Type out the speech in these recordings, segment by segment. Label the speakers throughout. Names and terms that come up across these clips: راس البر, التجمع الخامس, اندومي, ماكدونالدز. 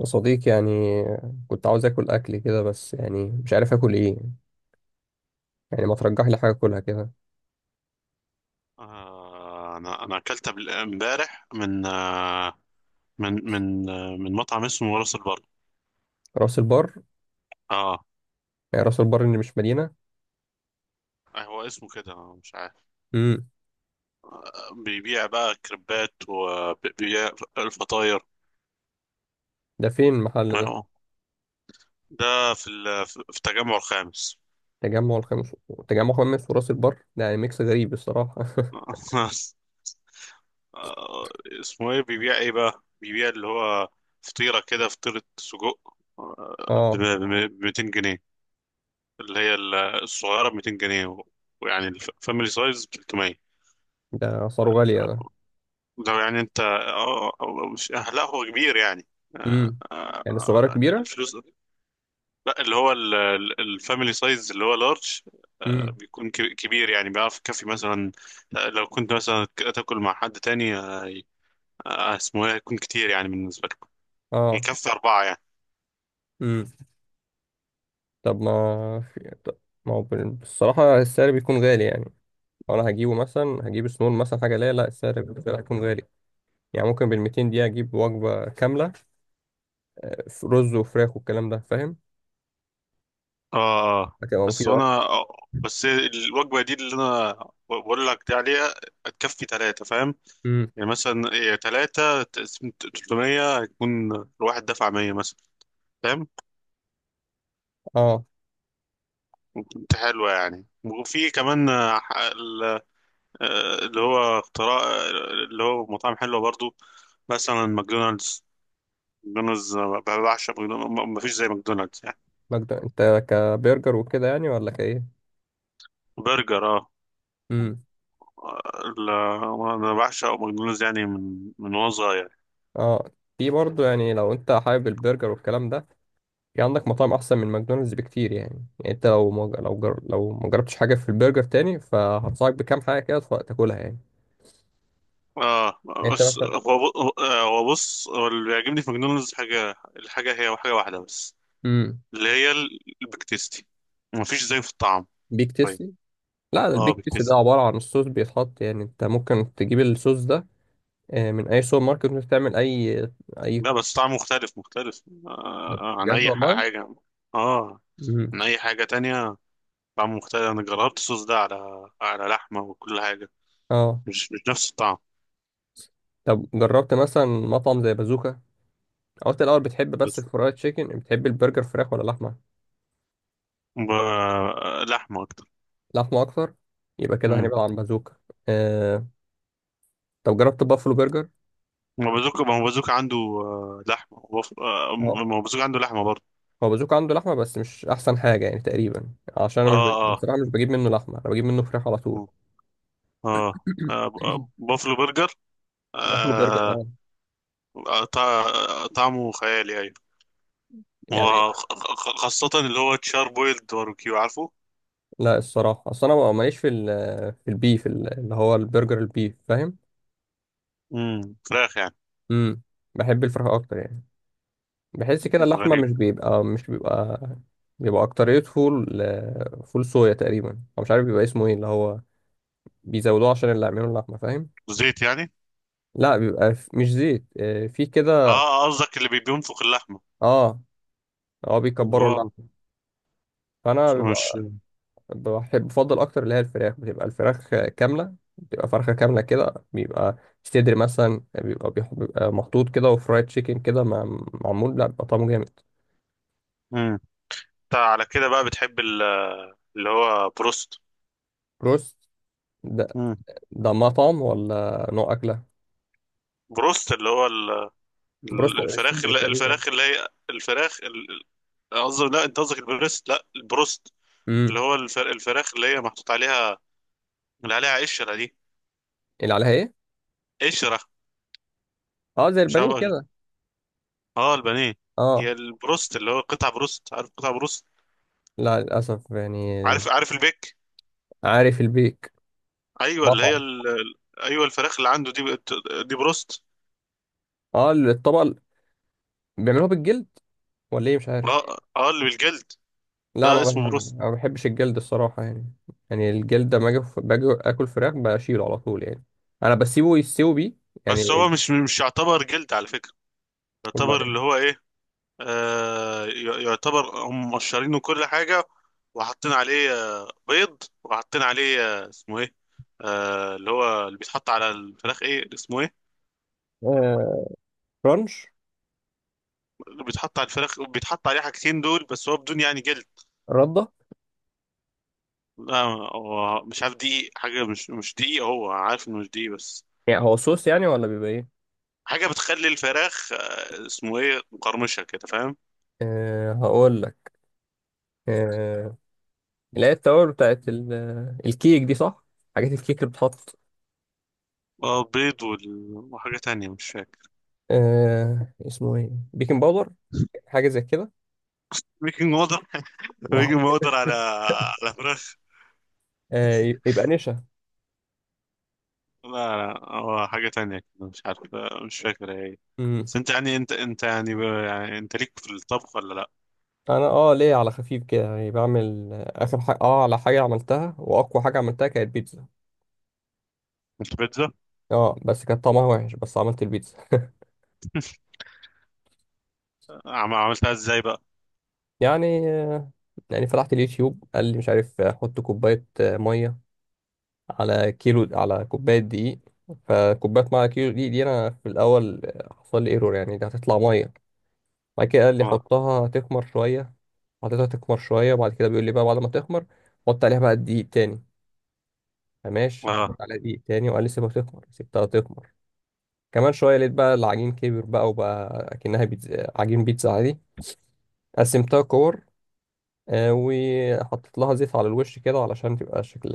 Speaker 1: يا صديقي يعني، كنت عاوز اكل كده. بس يعني مش عارف اكل ايه. يعني ما ترجح لي حاجه اكلها كده.
Speaker 2: انا اكلت امبارح من من مطعم اسمه راس البر.
Speaker 1: راس البر؟
Speaker 2: اه،
Speaker 1: يعني راس البر اللي مش مدينه؟
Speaker 2: هو اسمه كده أنا مش عارف.
Speaker 1: امم،
Speaker 2: بيبيع بقى كريبات وبيبيع الفطاير.
Speaker 1: ده فين المحل ده؟
Speaker 2: آه، ده في في التجمع الخامس.
Speaker 1: تجمع الخامس. تجمع خامس وراس البر ده يعني ميكس غريب الصراحه.
Speaker 2: آه، اسمه ايه، بيبيع ايه بقى؟ بيبيع اللي هو فطيرة كده، فطيرة سجق ب
Speaker 1: اه،
Speaker 2: 200 جنيه، اللي هي الصغيرة ب 200 جنيه، ويعني الفاميلي سايز ب 300.
Speaker 1: ده اسعاره غاليه ده.
Speaker 2: لو يعني انت مش لا هو كبير يعني.
Speaker 1: امم، يعني الصغيره
Speaker 2: اه،
Speaker 1: كبيره.
Speaker 2: الفلوس. لا اللي هو الفاميلي سايز اللي هو لارج،
Speaker 1: امم.
Speaker 2: بيكون كبير يعني، بيعرف يكفي مثلا اه، لو كنت مثلا تاكل مع حد تاني اسمه ايه، هيكون كتير يعني بالنسبة لكم.
Speaker 1: اه.
Speaker 2: يكفي أربعة يعني.
Speaker 1: امم. طب ما في طب، ما هو بال- بصراحه السعر بيكون غالي يعني. انا هجيبه مثلا، هجيب سنون مثلا حاجه ليا. لا السعر بيكون غالي. يعني ممكن بال 200 دقيقة أجيب وجبة كاملة. رز وفراخ والكلام ده، فاهم؟
Speaker 2: اه،
Speaker 1: هتبقى
Speaker 2: بس
Speaker 1: مفيدة
Speaker 2: انا
Speaker 1: أكتر.
Speaker 2: بس الوجبة دي اللي انا بقول لك دي عليها تكفي ثلاثة، فاهم؟
Speaker 1: امم.
Speaker 2: يعني مثلا ثلاثة 300 هيكون الواحد دفع 100 مثلا، فاهم؟
Speaker 1: اه.
Speaker 2: كنت حلوة يعني، وفي كمان اللي هو اختراع، اللي هو مطاعم حلوة برضو، مثلا ماكدونالدز. ماكدونالدز بعشق ماكدونالدز، ما فيش زي ماكدونالدز يعني.
Speaker 1: مجد أنت كبرجر وكده يعني ولا كإيه؟
Speaker 2: برجر اه.
Speaker 1: امم.
Speaker 2: ال- انا بعشق ماكدونالدز يعني من وانا صغير.
Speaker 1: اه. في برضه يعني لو أنت حابب البرجر والكلام ده، في عندك مطاعم أحسن من ماكدونالدز بكتير يعني. يعني أنت لو مج... لو جر... لو ما جربتش حاجة في البرجر تاني، فهنصحك بكام حاجة كده تاكلها يعني.
Speaker 2: اه،
Speaker 1: يعني أنت
Speaker 2: بس
Speaker 1: مثلا.
Speaker 2: هو هو بص، هو اللي بيعجبني في ماكدونالدز حاجة، الحاجة هي حاجة واحدة بس،
Speaker 1: امم.
Speaker 2: اللي هي البيك تيستي. ما فيش زي في الطعم.
Speaker 1: بيك
Speaker 2: طيب.
Speaker 1: تيستي؟ لا ده
Speaker 2: اه،
Speaker 1: البيك
Speaker 2: بيك
Speaker 1: تيستي ده
Speaker 2: تيستي.
Speaker 1: عبارة عن الصوص بيتحط. يعني أنت ممكن تجيب الصوص ده من اي سوبر ماركت. ممكن تعمل اي، اي.
Speaker 2: لا، بس طعم مختلف مختلف.
Speaker 1: طب
Speaker 2: آه عن
Speaker 1: بجد
Speaker 2: أي
Speaker 1: والله.
Speaker 2: حاجة. اه،
Speaker 1: مم.
Speaker 2: عن أي حاجة تانية، طعم مختلف. أنا جربت الصوص ده على على لحمة وكل حاجة،
Speaker 1: اه.
Speaker 2: مش نفس الطعم.
Speaker 1: طب جربت مثلا مطعم زي بازوكا؟ قلت الاول بتحب بس
Speaker 2: بس
Speaker 1: الفرايد تشيكن. بتحب البرجر فراخ ولا لحمه؟
Speaker 2: ب... لحمة أكتر.
Speaker 1: لحمه اكتر؟ يبقى كده
Speaker 2: مم.
Speaker 1: هنبعد عن بازوكا. آه. طب جربت بافلو برجر؟
Speaker 2: ما بازوكا، ما هو بازوكا عنده لحمة وبف... آه،
Speaker 1: اه.
Speaker 2: ما هو بازوكا عنده لحمة برضه.
Speaker 1: هو بازوكا عنده لحمه، بس مش احسن حاجه يعني تقريبا. عشان
Speaker 2: اه
Speaker 1: انا مش بجيب.
Speaker 2: اه.
Speaker 1: بصراحه مش بجيب منه لحمه، انا بجيب منه فراخ على طول.
Speaker 2: مم. اه بافلو برجر.
Speaker 1: باكله برجر
Speaker 2: آه
Speaker 1: اه،
Speaker 2: طعمه خيالي، أيوة.
Speaker 1: يعني.
Speaker 2: وخاصة اللي هو تشار بويلد باربيكيو، عارفه؟
Speaker 1: لا الصراحه، اصل انا ماليش في ال في البيف، اللي هو البرجر البيف، فاهم؟
Speaker 2: فراخ يعني.
Speaker 1: امم. بحب الفراخ اكتر يعني. بحس كده اللحمه
Speaker 2: غريب.
Speaker 1: مش بيبقى اكتريته فول. فول صويا تقريبا، او مش عارف بيبقى اسمه ايه، اللي هو بيزودوه عشان اللي يعملوا اللحمه، فاهم؟
Speaker 2: زيت يعني.
Speaker 1: لا بيبقى مش زيت، في
Speaker 2: اه،
Speaker 1: كده.
Speaker 2: قصدك اللي بينفخ اللحمه.
Speaker 1: اه. اه
Speaker 2: اللي
Speaker 1: بيكبروا
Speaker 2: هو.
Speaker 1: اللحمه. فانا
Speaker 2: مش.
Speaker 1: بيبقى بحب بفضل اكتر اللي هي الفراخ. بتبقى الفراخ كامله، بتبقى فرخه كامله كده، بيبقى صدر مثلا، بيبقى بيبقى محطوط كده، وفرايد تشيكن كده معمول، لا بيبقى طعمه جامد.
Speaker 2: مم. انت على كده بقى بتحب اللي هو بروست.
Speaker 1: بروست؟ ده
Speaker 2: مم.
Speaker 1: ده مطعم ولا نوع أكلة؟
Speaker 2: بروست اللي هو
Speaker 1: بروسلر
Speaker 2: الفراخ
Speaker 1: الصدر
Speaker 2: اللي
Speaker 1: تقريبا.
Speaker 2: الفراخ اللي هي الفراخ قصدي، لا، انت قصدك البريست، لا البروست، اللي
Speaker 1: امم.
Speaker 2: هو الفراخ اللي هي محطوط عليها، اللي عليها قشرة دي.
Speaker 1: اللي عليها ايه؟
Speaker 2: قشرة.
Speaker 1: اه زي
Speaker 2: مش
Speaker 1: البانيه
Speaker 2: عارف.
Speaker 1: كده.
Speaker 2: اه، البانيه.
Speaker 1: اه.
Speaker 2: هي البروست اللي هو قطع بروست، عارف قطع بروست؟
Speaker 1: لا للاسف يعني.
Speaker 2: عارف، عارف البيك.
Speaker 1: عارف البيك.
Speaker 2: ايوه، اللي هي
Speaker 1: مطعم؟
Speaker 2: ايوه الفراخ اللي عنده دي، دي بروست.
Speaker 1: اه الطبق. بيعملوها بالجلد ولا ايه؟ مش عارف.
Speaker 2: اه اه، اللي بالجلد.
Speaker 1: لا ما
Speaker 2: ده اسمه بروست.
Speaker 1: بحب، ما بحبش الجلد الصراحه يعني. يعني الجلد ده، ما اجي باجي اكل فراخ بشيله على طول يعني. انا بسيبه يستوي بيه
Speaker 2: بس هو
Speaker 1: يعني.
Speaker 2: مش يعتبر جلد على فكرة، يعتبر
Speaker 1: امال
Speaker 2: اللي
Speaker 1: ايه؟
Speaker 2: هو ايه، يعتبر هم مقشرينه كل حاجة، وحاطين عليه بيض وحاطين عليه اسمه ايه، اللي هو اللي بيتحط على الفراخ، ايه اسمه ايه،
Speaker 1: آه، رانش.
Speaker 2: اللي بيتحط على الفراخ، بيتحط عليه حاجتين دول بس، هو بدون يعني جلد.
Speaker 1: رده؟
Speaker 2: لا هو مش عارف دقيق حاجة، مش دقيق، هو عارف انه مش دقيق بس.
Speaker 1: يعني هو صوص يعني ولا بيبقى ايه؟
Speaker 2: حاجة بتخلي الفراخ اسمه ايه مقرمشة كده، فاهم؟
Speaker 1: أه هقول لك. أه اللي هي التوابل الكيك دي، صح؟ حاجات الكيك اللي بتحط.
Speaker 2: اه بيض وحاجة تانية مش فاكر.
Speaker 1: آه اسمه ايه، بيكن باودر؟ حاجه زي كده.
Speaker 2: بيكنج باودر.
Speaker 1: آه.
Speaker 2: بيكنج باودر على على فراخ.
Speaker 1: آه يبقى نشا.
Speaker 2: لا، لا هو حاجة تانية كده مش عارف، مش فاكر هي إيه.
Speaker 1: امم.
Speaker 2: بس انت يعني انت يعني انت ليك في الطبخ ولا لا؟
Speaker 1: انا اه ليه على خفيف كده يعني، بعمل اخر حاجه، اه على حاجه عملتها، واقوى حاجه عملتها كانت بيتزا.
Speaker 2: انت بيتزا.
Speaker 1: اه بس كانت طعمها وحش، بس عملت البيتزا.
Speaker 2: عملتها ازاي بقى؟
Speaker 1: يعني آه، يعني فتحت اليوتيوب، قال لي مش عارف، حط كوبايه ميه على كيلو، على كوبايه دقيق. فكوبايه ميه على كيلو دقيق دي، انا في الاول حصل لي ايرور يعني، دي هتطلع ميه. بعد كده قال لي
Speaker 2: اه
Speaker 1: حطها تخمر شوية. حطيتها تخمر شوية، وبعد كده بيقول لي بقى بعد ما تخمر، حط عليها بقى دقيق تاني. فماشي، حطيت
Speaker 2: اه
Speaker 1: عليها دقيق تاني، وقال لي سيبها تخمر. سبتها تخمر كمان شوية، لقيت بقى العجين كبر بقى، وبقى أكنها بيتزا، عجين بيتزا عادي. قسمتها كور، وحطيت لها زيت على الوش كده، علشان تبقى شكل،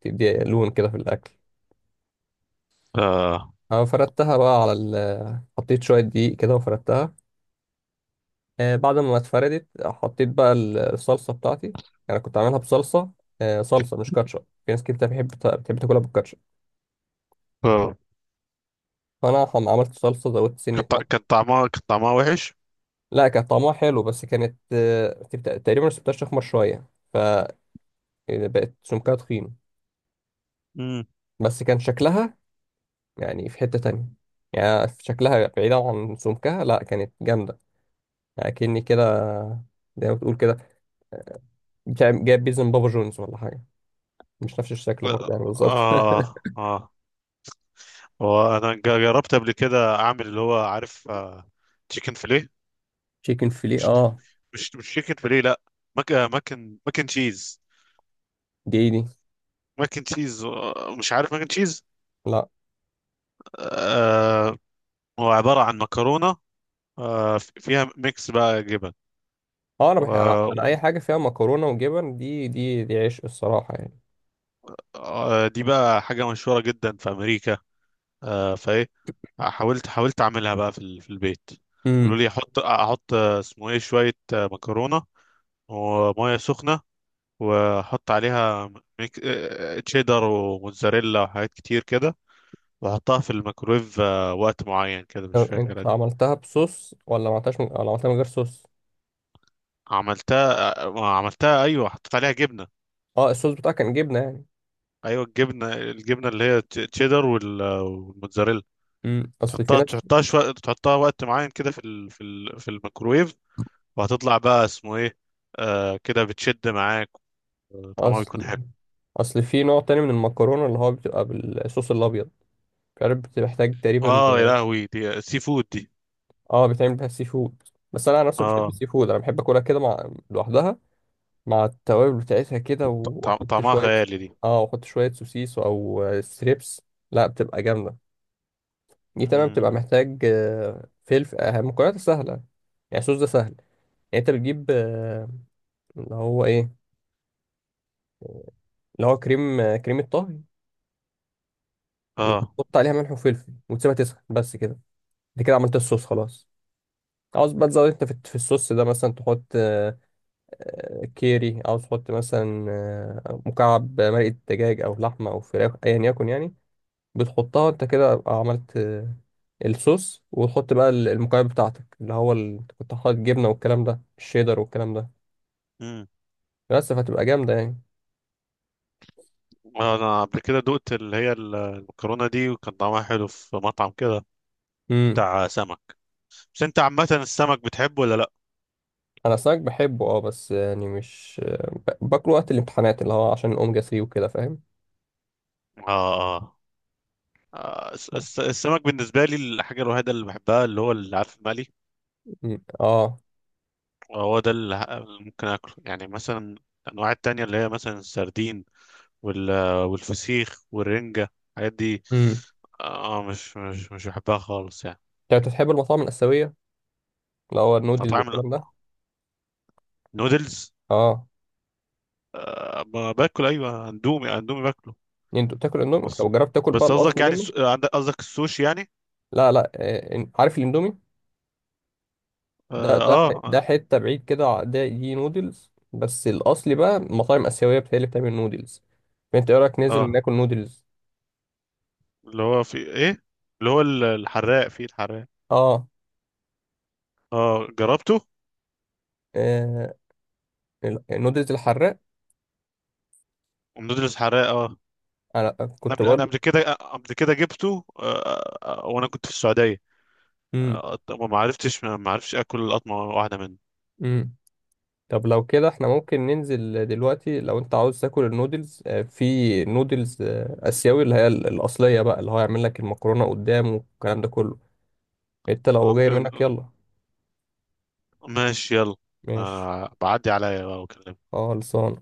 Speaker 1: تدي لون كده في الأكل.
Speaker 2: اه.
Speaker 1: أنا فردتها بقى على ال... حطيت شوية دقيق كده وفردتها. بعد ما اتفردت، حطيت بقى الصلصه بتاعتي. انا كنت عاملها بصلصه. صلصه مش كاتشب. في ناس كتير بتحب تاكلها بالكاتشب.
Speaker 2: آه.
Speaker 1: فانا عملت صلصه، زودت سنه ملح.
Speaker 2: كان طعمها وحش؟
Speaker 1: لا كان طعمها حلو، بس كانت تقريبا سبتها تخمر شويه، فبقت سمكها تخين.
Speaker 2: امم.
Speaker 1: بس كان شكلها، يعني في حته تانية، يعني في شكلها بعيدا عن سمكها، لا كانت جامده. يعني كأني كده، زي ما بتقول كده، جايب بيزن بابا جونز ولا حاجه. مش نفس الشكل برضه يعني بالظبط.
Speaker 2: اه اه. وانا جربت قبل كده اعمل اللي هو، عارف تشيكن فيليه؟
Speaker 1: تشيكن فيليه
Speaker 2: مش
Speaker 1: اه؟
Speaker 2: مش مش تشيكن فيليه لا، مك مكن مكن تشيز.
Speaker 1: دي إيه دي؟
Speaker 2: مكن تشيز مش عارف مكن تشيز.
Speaker 1: لا.
Speaker 2: آه. هو عبارة عن مكرونة فيها ميكس بقى جبن.
Speaker 1: اه انا بحب، أنا اي
Speaker 2: و-
Speaker 1: حاجه فيها مكرونه وجبن، دي عيش الصراحه يعني.
Speaker 2: دي بقى حاجة مشهورة جدا في أمريكا. آه فإيه، حاولت أعملها بقى في في البيت. قالوا
Speaker 1: امم.
Speaker 2: لي أحط اسمه إيه، شوية مكرونة ومية سخنة واحط عليها ميك... آه، آه، تشيدر وموتزاريلا وحاجات كتير كده، واحطها في الميكرويف وقت معين كده، مش
Speaker 1: طب
Speaker 2: فاكر
Speaker 1: انت عملتها بصوص ولا ما عملتهاش من... ولا عملتها من غير صوص؟
Speaker 2: عملتها آه، ما عملتها ايوه، حطيت عليها جبنه.
Speaker 1: اه الصوص بتاعها كان جبنه يعني.
Speaker 2: ايوه الجبنه، اللي هي تشيدر والموتزاريلا.
Speaker 1: امم. اصل في
Speaker 2: تحطها
Speaker 1: ناس.
Speaker 2: تحطها شويه، تحطها وقت معين كده في ال... في ال... في الميكرويف، وهتطلع بقى اسمه ايه، كده بتشد معاك، طعمها بيكون حلو.
Speaker 1: اصل اصل في نوع تاني من المكرونه، اللي هو بتبقى بالصوص الابيض. مش عارف بتحتاج تقريبا.
Speaker 2: اه يا لهوي، دي سي فود دي.
Speaker 1: اه بيتعمل بيها سي فود. بس انا عن نفسي مش بحب
Speaker 2: اه،
Speaker 1: السي فود، انا بحب اكلها كده مع لوحدها، مع التوابل بتاعتها كده، واحط
Speaker 2: طعمها
Speaker 1: شويه.
Speaker 2: خيالي دي.
Speaker 1: اه واحط شويه سوسيس او ستريبس. لا بتبقى جامده. دي تمام، بتبقى
Speaker 2: مم.
Speaker 1: محتاج فلفل، مكونات سهلة. يعني الصوص ده سهل. يعني انت بتجيب اللي هو ايه اللي هو كريم كريمة طهي،
Speaker 2: اه.
Speaker 1: وتحط عليها ملح وفلفل وتسيبها تسخن بس كده. انت كده عملت الصوص خلاص. عاوز بقى تزود انت في الصوص ده، مثلا تحط كيري. عاوز تحط مثلا مكعب مرقة دجاج او لحمة او فراخ، ايا يكن يعني. بتحطها، انت كده عملت الصوص، وتحط بقى المكعب بتاعتك، اللي هو انت كنت حاطط جبنه والكلام ده، الشيدر والكلام ده.
Speaker 2: امم.
Speaker 1: بس فهتبقى جامده يعني.
Speaker 2: انا قبل كده دقت اللي هي المكرونه دي، وكان طعمها حلو في مطعم كده
Speaker 1: امم.
Speaker 2: بتاع سمك. بس انت عامه السمك بتحبه ولا لا؟
Speaker 1: انا السمك بحبه اه، بس يعني مش باكله وقت الامتحانات، اللي هو عشان الاوميجا 3 وكده، فاهم؟
Speaker 2: اه اه. السمك بالنسبه لي الحاجه الوحيده اللي بحبها اللي هو، اللي عارف المقلي،
Speaker 1: مم. اه.
Speaker 2: هو ده اللي اللي ممكن اكله يعني. مثلا الانواع التانية اللي هي مثلا السردين وال والفسيخ والرنجه الحاجات دي،
Speaker 1: امم.
Speaker 2: اه مش مش مش بحبها خالص يعني.
Speaker 1: انت بتحب المطاعم الاسيويه، اللي هو النودلز
Speaker 2: طعم
Speaker 1: والكلام ده؟
Speaker 2: النودلز.
Speaker 1: اه.
Speaker 2: باكل ايوه، اندومي باكله.
Speaker 1: انت بتاكل اندومي؟
Speaker 2: بص،
Speaker 1: طب جربت تاكل بقى
Speaker 2: بس قصدك
Speaker 1: الاصلي
Speaker 2: يعني
Speaker 1: منه؟
Speaker 2: عندك قصدك السوشي يعني؟
Speaker 1: لا لا، عارف الاندومي
Speaker 2: اه
Speaker 1: ده، ده ح-
Speaker 2: اه،
Speaker 1: ده
Speaker 2: آه.
Speaker 1: حتة بعيد كده ده دي نودلز، بس الأصلي بقى مطاعم آسيوية بتهيألي اللي بتعمل نودلز. فأنت إيه رأيك ننزل
Speaker 2: آه.
Speaker 1: ناكل نودلز؟
Speaker 2: اللي هو في ايه، اللي هو الحراق. في الحراق،
Speaker 1: آه
Speaker 2: اه جربته.
Speaker 1: آه، النودلز الحراق.
Speaker 2: ومدرس حراق اه.
Speaker 1: أنا
Speaker 2: انا
Speaker 1: كنت
Speaker 2: قبل، انا
Speaker 1: بقول.
Speaker 2: قبل كده قبل كده جبته وانا كنت في السعوديه.
Speaker 1: مم.
Speaker 2: آه، ما عرفتش اكل قطمه واحده منه.
Speaker 1: مم. طب لو كده إحنا ممكن ننزل دلوقتي، لو أنت عاوز تاكل النودلز. في نودلز آسيوي، اللي هي الأصلية بقى، اللي هو يعمل لك المكرونة قدام والكلام ده كله. أنت لو
Speaker 2: آه
Speaker 1: جاي منك، يلا.
Speaker 2: ماشي يلا.
Speaker 1: ماشي.
Speaker 2: آه بعدي عليا بقى واكلمك.
Speaker 1: خالص.